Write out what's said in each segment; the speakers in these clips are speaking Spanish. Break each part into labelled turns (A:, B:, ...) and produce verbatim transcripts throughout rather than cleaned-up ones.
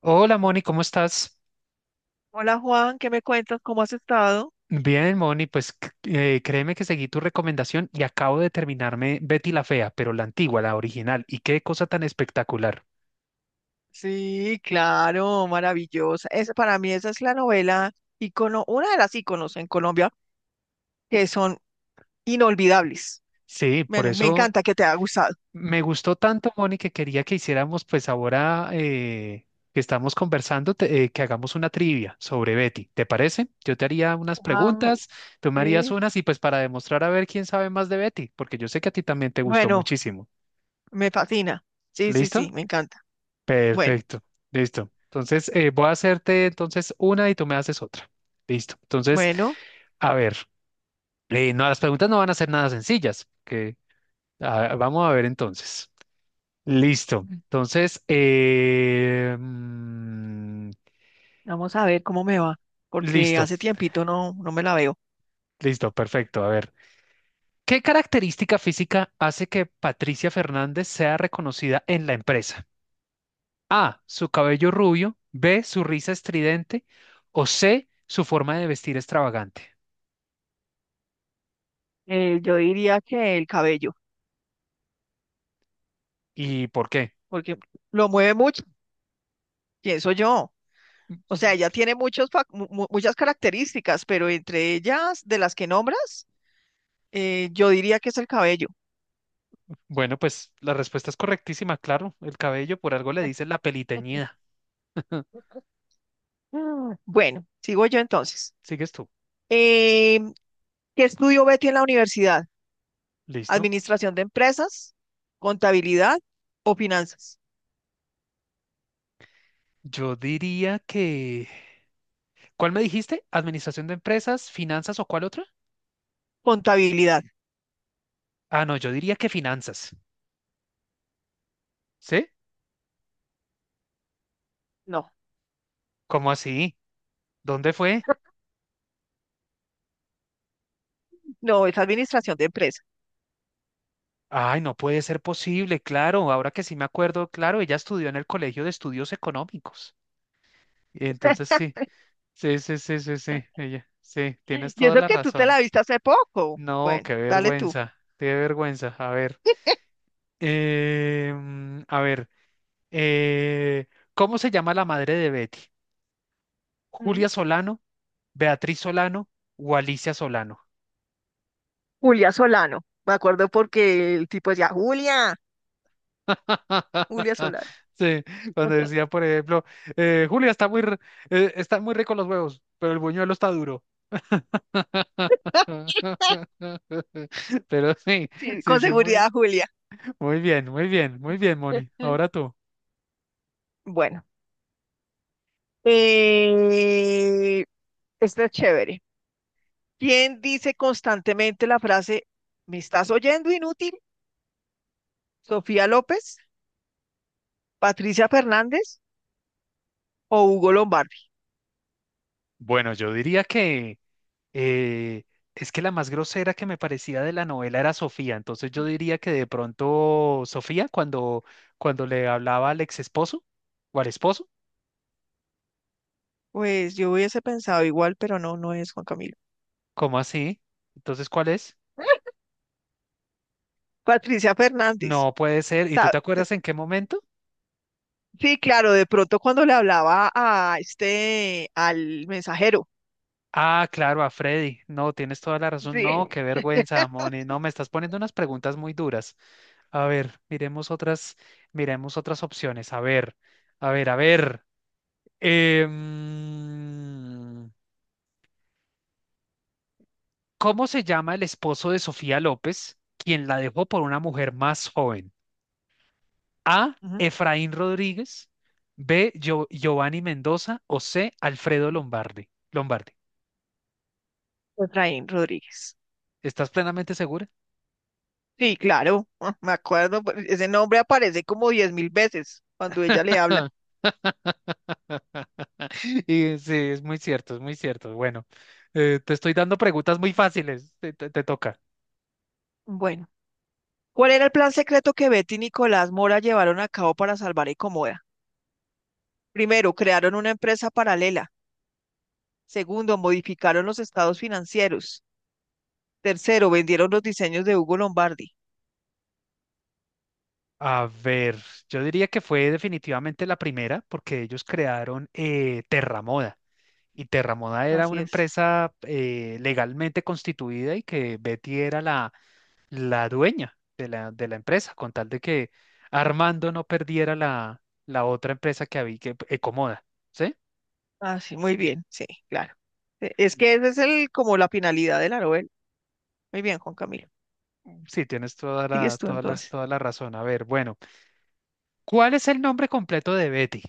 A: Hola Moni, ¿cómo estás?
B: Hola Juan, ¿qué me cuentas? ¿Cómo has estado?
A: Bien, Moni, pues c- eh, créeme que seguí tu recomendación y acabo de terminarme Betty la Fea, pero la antigua, la original. Y qué cosa tan espectacular.
B: Sí, claro, maravillosa. Es, para mí esa es la novela ícono, una de las íconos en Colombia que son inolvidables.
A: Sí,
B: Me,
A: por
B: me
A: eso
B: encanta que te haya gustado.
A: me gustó tanto, Moni, que quería que hiciéramos, pues ahora eh, que estamos conversando, te- eh, que hagamos una trivia sobre Betty. ¿Te parece? Yo te haría unas
B: Ah,
A: preguntas, tú me harías
B: sí.
A: unas y pues para demostrar a ver quién sabe más de Betty, porque yo sé que a ti también te gustó
B: Bueno,
A: muchísimo.
B: me fascina. Sí, sí,
A: ¿Listo?
B: sí, me encanta. Bueno,
A: Perfecto, listo. Entonces, eh, voy a hacerte entonces una y tú me haces otra. Listo. Entonces,
B: bueno,
A: a ver, eh, no, las preguntas no van a ser nada sencillas, que ah, vamos a ver entonces. Listo.
B: mm,
A: Entonces, eh, mm,
B: vamos a ver cómo me va, porque
A: listo,
B: hace tiempito no, no me la veo.
A: listo, perfecto. A ver, ¿qué característica física hace que Patricia Fernández sea reconocida en la empresa? A, su cabello rubio, B, su risa estridente o C, su forma de vestir extravagante.
B: Eh, yo diría que el cabello,
A: ¿Y por qué?
B: porque lo mueve mucho, pienso yo. O sea, ella tiene muchos, fac- mu- mu- muchas características, pero entre ellas, de las que nombras, eh, yo diría que es el cabello.
A: Bueno, pues la respuesta es correctísima, claro. El cabello por algo le dicen la peliteñida.
B: Mm. Bueno, sigo yo entonces.
A: ¿Sigues tú?
B: Eh, ¿Qué estudió Betty en la universidad?
A: ¿Listo?
B: ¿Administración de empresas, contabilidad o finanzas?
A: Yo diría que... ¿Cuál me dijiste? ¿Administración de empresas, finanzas o cuál otra?
B: Contabilidad.
A: Ah, no, yo diría que finanzas. ¿Sí?
B: No,
A: ¿Cómo así? ¿Dónde fue?
B: no, es administración de empresas.
A: Ay, no puede ser posible, claro. Ahora que sí me acuerdo, claro, ella estudió en el Colegio de Estudios Económicos. Entonces sí, sí, sí, sí, sí, sí, ella, sí, tienes
B: Y
A: toda
B: eso
A: la
B: que tú te
A: razón.
B: la viste hace poco.
A: No,
B: Bueno,
A: qué
B: dale tú.
A: vergüenza, qué vergüenza. A ver, em, a ver, eh, ¿cómo se llama la madre de Betty?
B: Mm.
A: ¿Julia Solano, Beatriz Solano o Alicia Solano?
B: Julia Solano. Me acuerdo porque el tipo decía, Julia, Julia Solano.
A: Sí, cuando decía, por ejemplo, eh, Julia está muy, r- eh, está muy rico los huevos, pero el buñuelo está duro. Pero sí,
B: Sí,
A: sí,
B: con
A: sí, muy,
B: seguridad, Julia.
A: muy bien, muy bien, muy bien, Moni. Ahora tú.
B: Bueno, eh, esta es chévere. ¿Quién dice constantemente la frase, ¿me estás oyendo, inútil? ¿Sofía López, Patricia Fernández o Hugo Lombardi?
A: Bueno, yo diría que eh, es que la más grosera que me parecía de la novela era Sofía, entonces yo diría que de pronto Sofía cuando, cuando le hablaba al ex esposo o al esposo,
B: Pues yo hubiese pensado igual, pero no, no es Juan Camilo.
A: ¿cómo así? Entonces, ¿cuál es?
B: Patricia Fernández.
A: No puede ser. ¿Y tú
B: Sa-
A: te acuerdas en qué momento?
B: Sí, claro, de pronto cuando le hablaba a este, al mensajero.
A: Ah, claro, a Freddy. No, tienes toda la razón. No, qué
B: Sí.
A: vergüenza, Moni. No, me estás poniendo unas preguntas muy duras. A ver, miremos otras, miremos otras opciones. A ver, a ver, a ver. Em, ¿cómo se llama el esposo de Sofía López, quien la dejó por una mujer más joven? A.
B: Ujú,
A: Efraín Rodríguez. B. Gio- Giovanni Mendoza. O C. Alfredo Lombardi. Lombardi.
B: Efraín Rodríguez.
A: ¿Estás plenamente segura?
B: Sí, claro, me acuerdo, pues, ese nombre aparece como diez mil veces cuando ella le habla.
A: Y sí, es muy cierto, es muy cierto. Bueno, eh, te estoy dando preguntas muy fáciles. Te, te- te toca.
B: Bueno, ¿cuál era el plan secreto que Betty y Nicolás Mora llevaron a cabo para salvar a Ecomoda? Primero, crearon una empresa paralela. Segundo, modificaron los estados financieros. Tercero, vendieron los diseños de Hugo Lombardi.
A: A ver, yo diría que fue definitivamente la primera porque ellos crearon eh, Terramoda. Y Terramona era
B: Así
A: una
B: es.
A: empresa eh, legalmente constituida y que Betty era la, la dueña de la, de la empresa, con tal de que Armando no perdiera la, la otra empresa que había, que Ecomoda, ¿sí?
B: Así, muy bien, sí, claro. E- Es
A: L-
B: que esa es el, como la finalidad de la novela. Muy bien, Juan Camilo.
A: Sí, tienes toda la,
B: Sigues tú
A: toda la,
B: entonces.
A: toda la razón. A ver, bueno, ¿cuál es el nombre completo de Betty?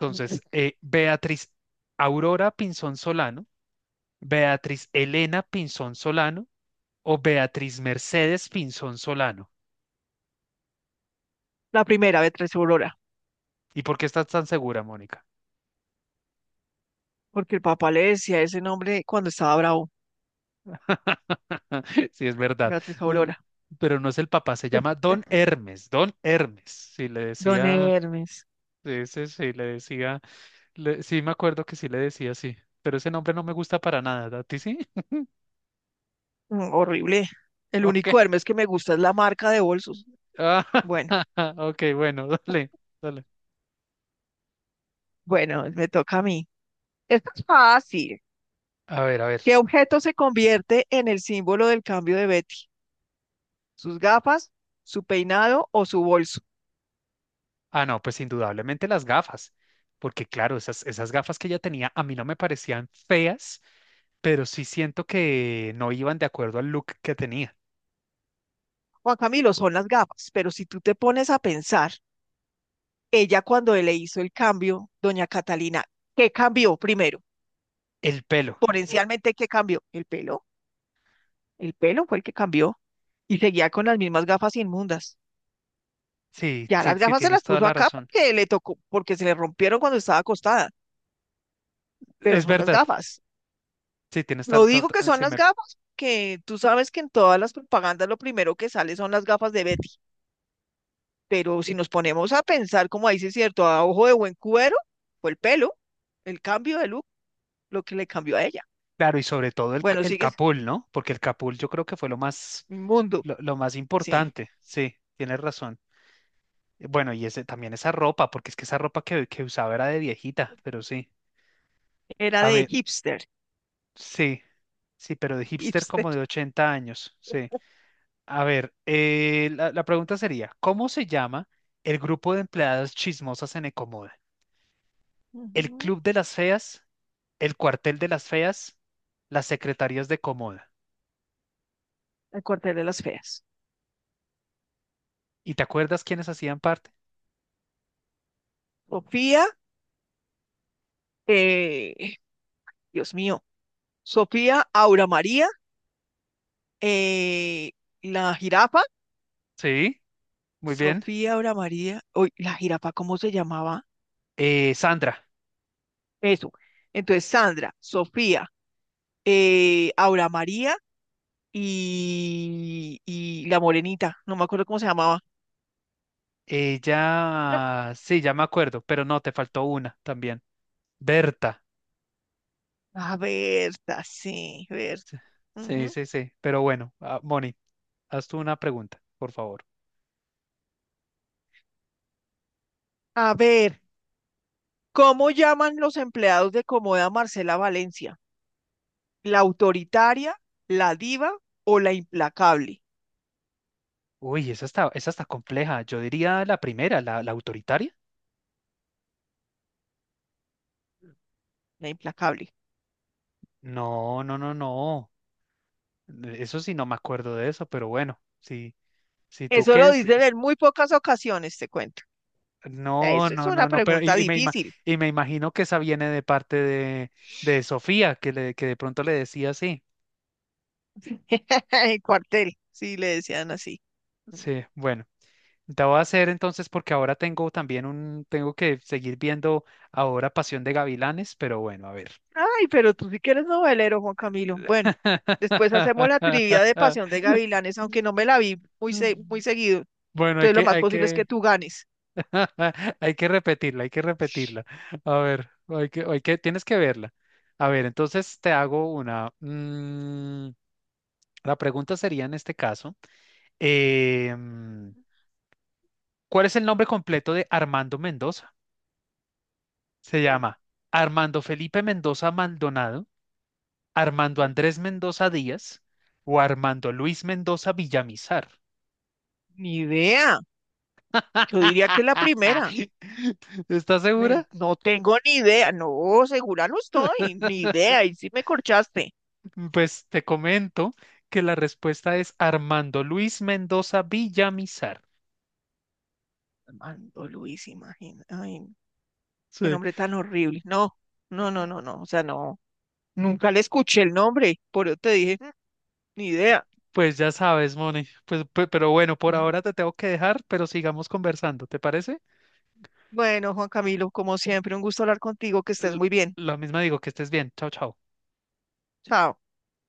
A: Entonces, eh, Beatriz Aurora Pinzón Solano, Beatriz Elena Pinzón Solano o Beatriz Mercedes Pinzón Solano.
B: La primera, Beatriz Aurora,
A: ¿Y por qué estás tan segura, Mónica?
B: porque el papá le decía ese nombre cuando estaba bravo.
A: Sí, es verdad.
B: Beatriz
A: No,
B: Aurora.
A: pero no es el papá, se llama Don Hermes, Don Hermes. Si le
B: Don
A: decía,
B: Hermes.
A: ese sí sí, le decía, le- sí me acuerdo que sí le decía así, pero ese nombre no me gusta para nada, ¿a ti sí?
B: Mm, horrible. El
A: Ok.
B: único Hermes que me gusta es la marca de bolsos.
A: Ah,
B: Bueno,
A: ok, bueno, dale, dale.
B: bueno, me toca a mí. Esto es fácil.
A: A ver, a ver.
B: ¿Qué objeto se convierte en el símbolo del cambio de Betty? ¿Sus gafas, su peinado o su bolso?
A: Ah, no, pues indudablemente las gafas, porque claro, esas, esas gafas que ella tenía a mí no me parecían feas, pero sí siento que no iban de acuerdo al look que tenía.
B: Juan Camilo, son las gafas, pero si tú te pones a pensar, ella cuando le hizo el cambio, doña Catalina, ¿qué cambió primero?
A: El pelo.
B: Potencialmente, ¿qué cambió? ¿El pelo? El pelo fue el que cambió y seguía con las mismas gafas inmundas.
A: Sí,
B: Ya
A: sí,
B: las
A: sí,
B: gafas se
A: tienes
B: las
A: toda
B: puso
A: la
B: acá
A: razón.
B: porque le tocó, porque se le rompieron cuando estaba acostada, pero
A: Es
B: son las
A: verdad.
B: gafas.
A: Sí, tienes
B: Lo
A: toda,
B: digo que son
A: se
B: las
A: me,
B: gafas, que tú sabes que en todas las propagandas lo primero que sale son las gafas de Betty, pero si nos ponemos a pensar, como dice cierto, a ojo de buen cubero, fue el pelo, el cambio de look, lo que le cambió a ella.
A: claro, y sobre todo el, ca-
B: Bueno,
A: el
B: sigue
A: Capul, ¿no? Porque el Capul yo creo que fue lo más,
B: inmundo,
A: lo, lo más
B: sí,
A: importante. Sí, tienes razón. Bueno, y ese, también esa ropa, porque es que esa ropa que, que usaba era de viejita, pero sí.
B: era
A: A
B: de
A: ver,
B: hipster,
A: sí, sí, pero de hipster
B: hipster.
A: como de ochenta años, sí. A ver, eh, la, la pregunta sería, ¿cómo se llama el grupo de empleadas chismosas en Ecomoda? El
B: Ujú.
A: Club de las Feas, el Cuartel de las Feas, las Secretarias de Comoda.
B: El cuartel de las feas.
A: ¿Y te acuerdas quiénes hacían parte?
B: Sofía, eh, Dios mío, Sofía Aura María, eh, la jirafa,
A: Sí, muy bien.
B: Sofía Aura María, uy, la jirafa, ¿cómo se llamaba?
A: Eh, Sandra.
B: Eso. Entonces, Sandra, Sofía, eh, Aura María y, y la morenita, no me acuerdo cómo se llamaba. No.
A: Ella, sí, ya me acuerdo, pero no, te faltó una también. Berta.
B: A ver, sí, Berta.
A: Sí, sí,
B: Ujú.
A: sí, sí. Pero bueno, ah, Moni, haz tú una pregunta, por favor.
B: A ver, ¿cómo llaman los empleados de Comoda Marcela Valencia? ¿La autoritaria, la diva o la implacable?
A: Uy, esa está, esa está compleja. Yo diría la primera, la, la autoritaria.
B: La implacable.
A: No, no, no, no. Eso sí, no me acuerdo de eso, pero bueno, sí. Si tú
B: Eso
A: que
B: lo
A: es,
B: dicen en muy pocas ocasiones, te cuento. Sea,
A: no,
B: eso es
A: no,
B: una
A: no, no, pero y,
B: pregunta
A: y me, ima-
B: difícil.
A: y me imagino que esa viene de parte de, de Sofía, que, le, que de pronto le decía así.
B: El cuartel, sí, le decían así.
A: Sí, bueno, te voy a hacer entonces porque ahora tengo también un, tengo que seguir viendo ahora Pasión de Gavilanes, pero bueno, a ver.
B: Ay, pero tú sí que eres novelero, Juan Camilo. Bueno, después hacemos la trivia de Pasión de Gavilanes, aunque no me la vi muy, se- muy seguido.
A: Bueno, hay
B: Entonces lo
A: que,
B: más
A: hay
B: posible es que
A: que,
B: tú ganes.
A: hay que repetirla, hay que repetirla. A ver, hay que, hay que, tienes que verla. A ver, entonces te hago una. Mm, la pregunta sería en este caso, eh, mm, ¿cuál es el nombre completo de Armando Mendoza? Se llama Armando Felipe Mendoza Maldonado, Armando
B: Ujú.
A: Andrés Mendoza Díaz o Armando Luis Mendoza Villamizar.
B: Ni idea. Yo diría que es la primera.
A: ¿Estás
B: Me-
A: segura?
B: no tengo ni idea. No, segura no estoy. Ni idea. Y sí me corchaste.
A: mm, Pues te comento que la respuesta es Armando Luis Mendoza Villamizar.
B: Armando Luis, imagina. Ay, qué
A: Sí,
B: nombre tan horrible. No, no, no, no, no. O sea, no. Nunca le escuché el nombre, por eso te dije, "Mm, ni idea.
A: pues ya sabes, Moni. Pues, pe- pero bueno, por
B: Ajá.
A: ahora te tengo que dejar, pero sigamos conversando, ¿te parece?
B: Bueno, Juan Camilo, como siempre, un gusto hablar contigo, que estés
A: L-
B: muy bien.
A: lo mismo digo, que estés bien. Chao, chao.
B: Chao.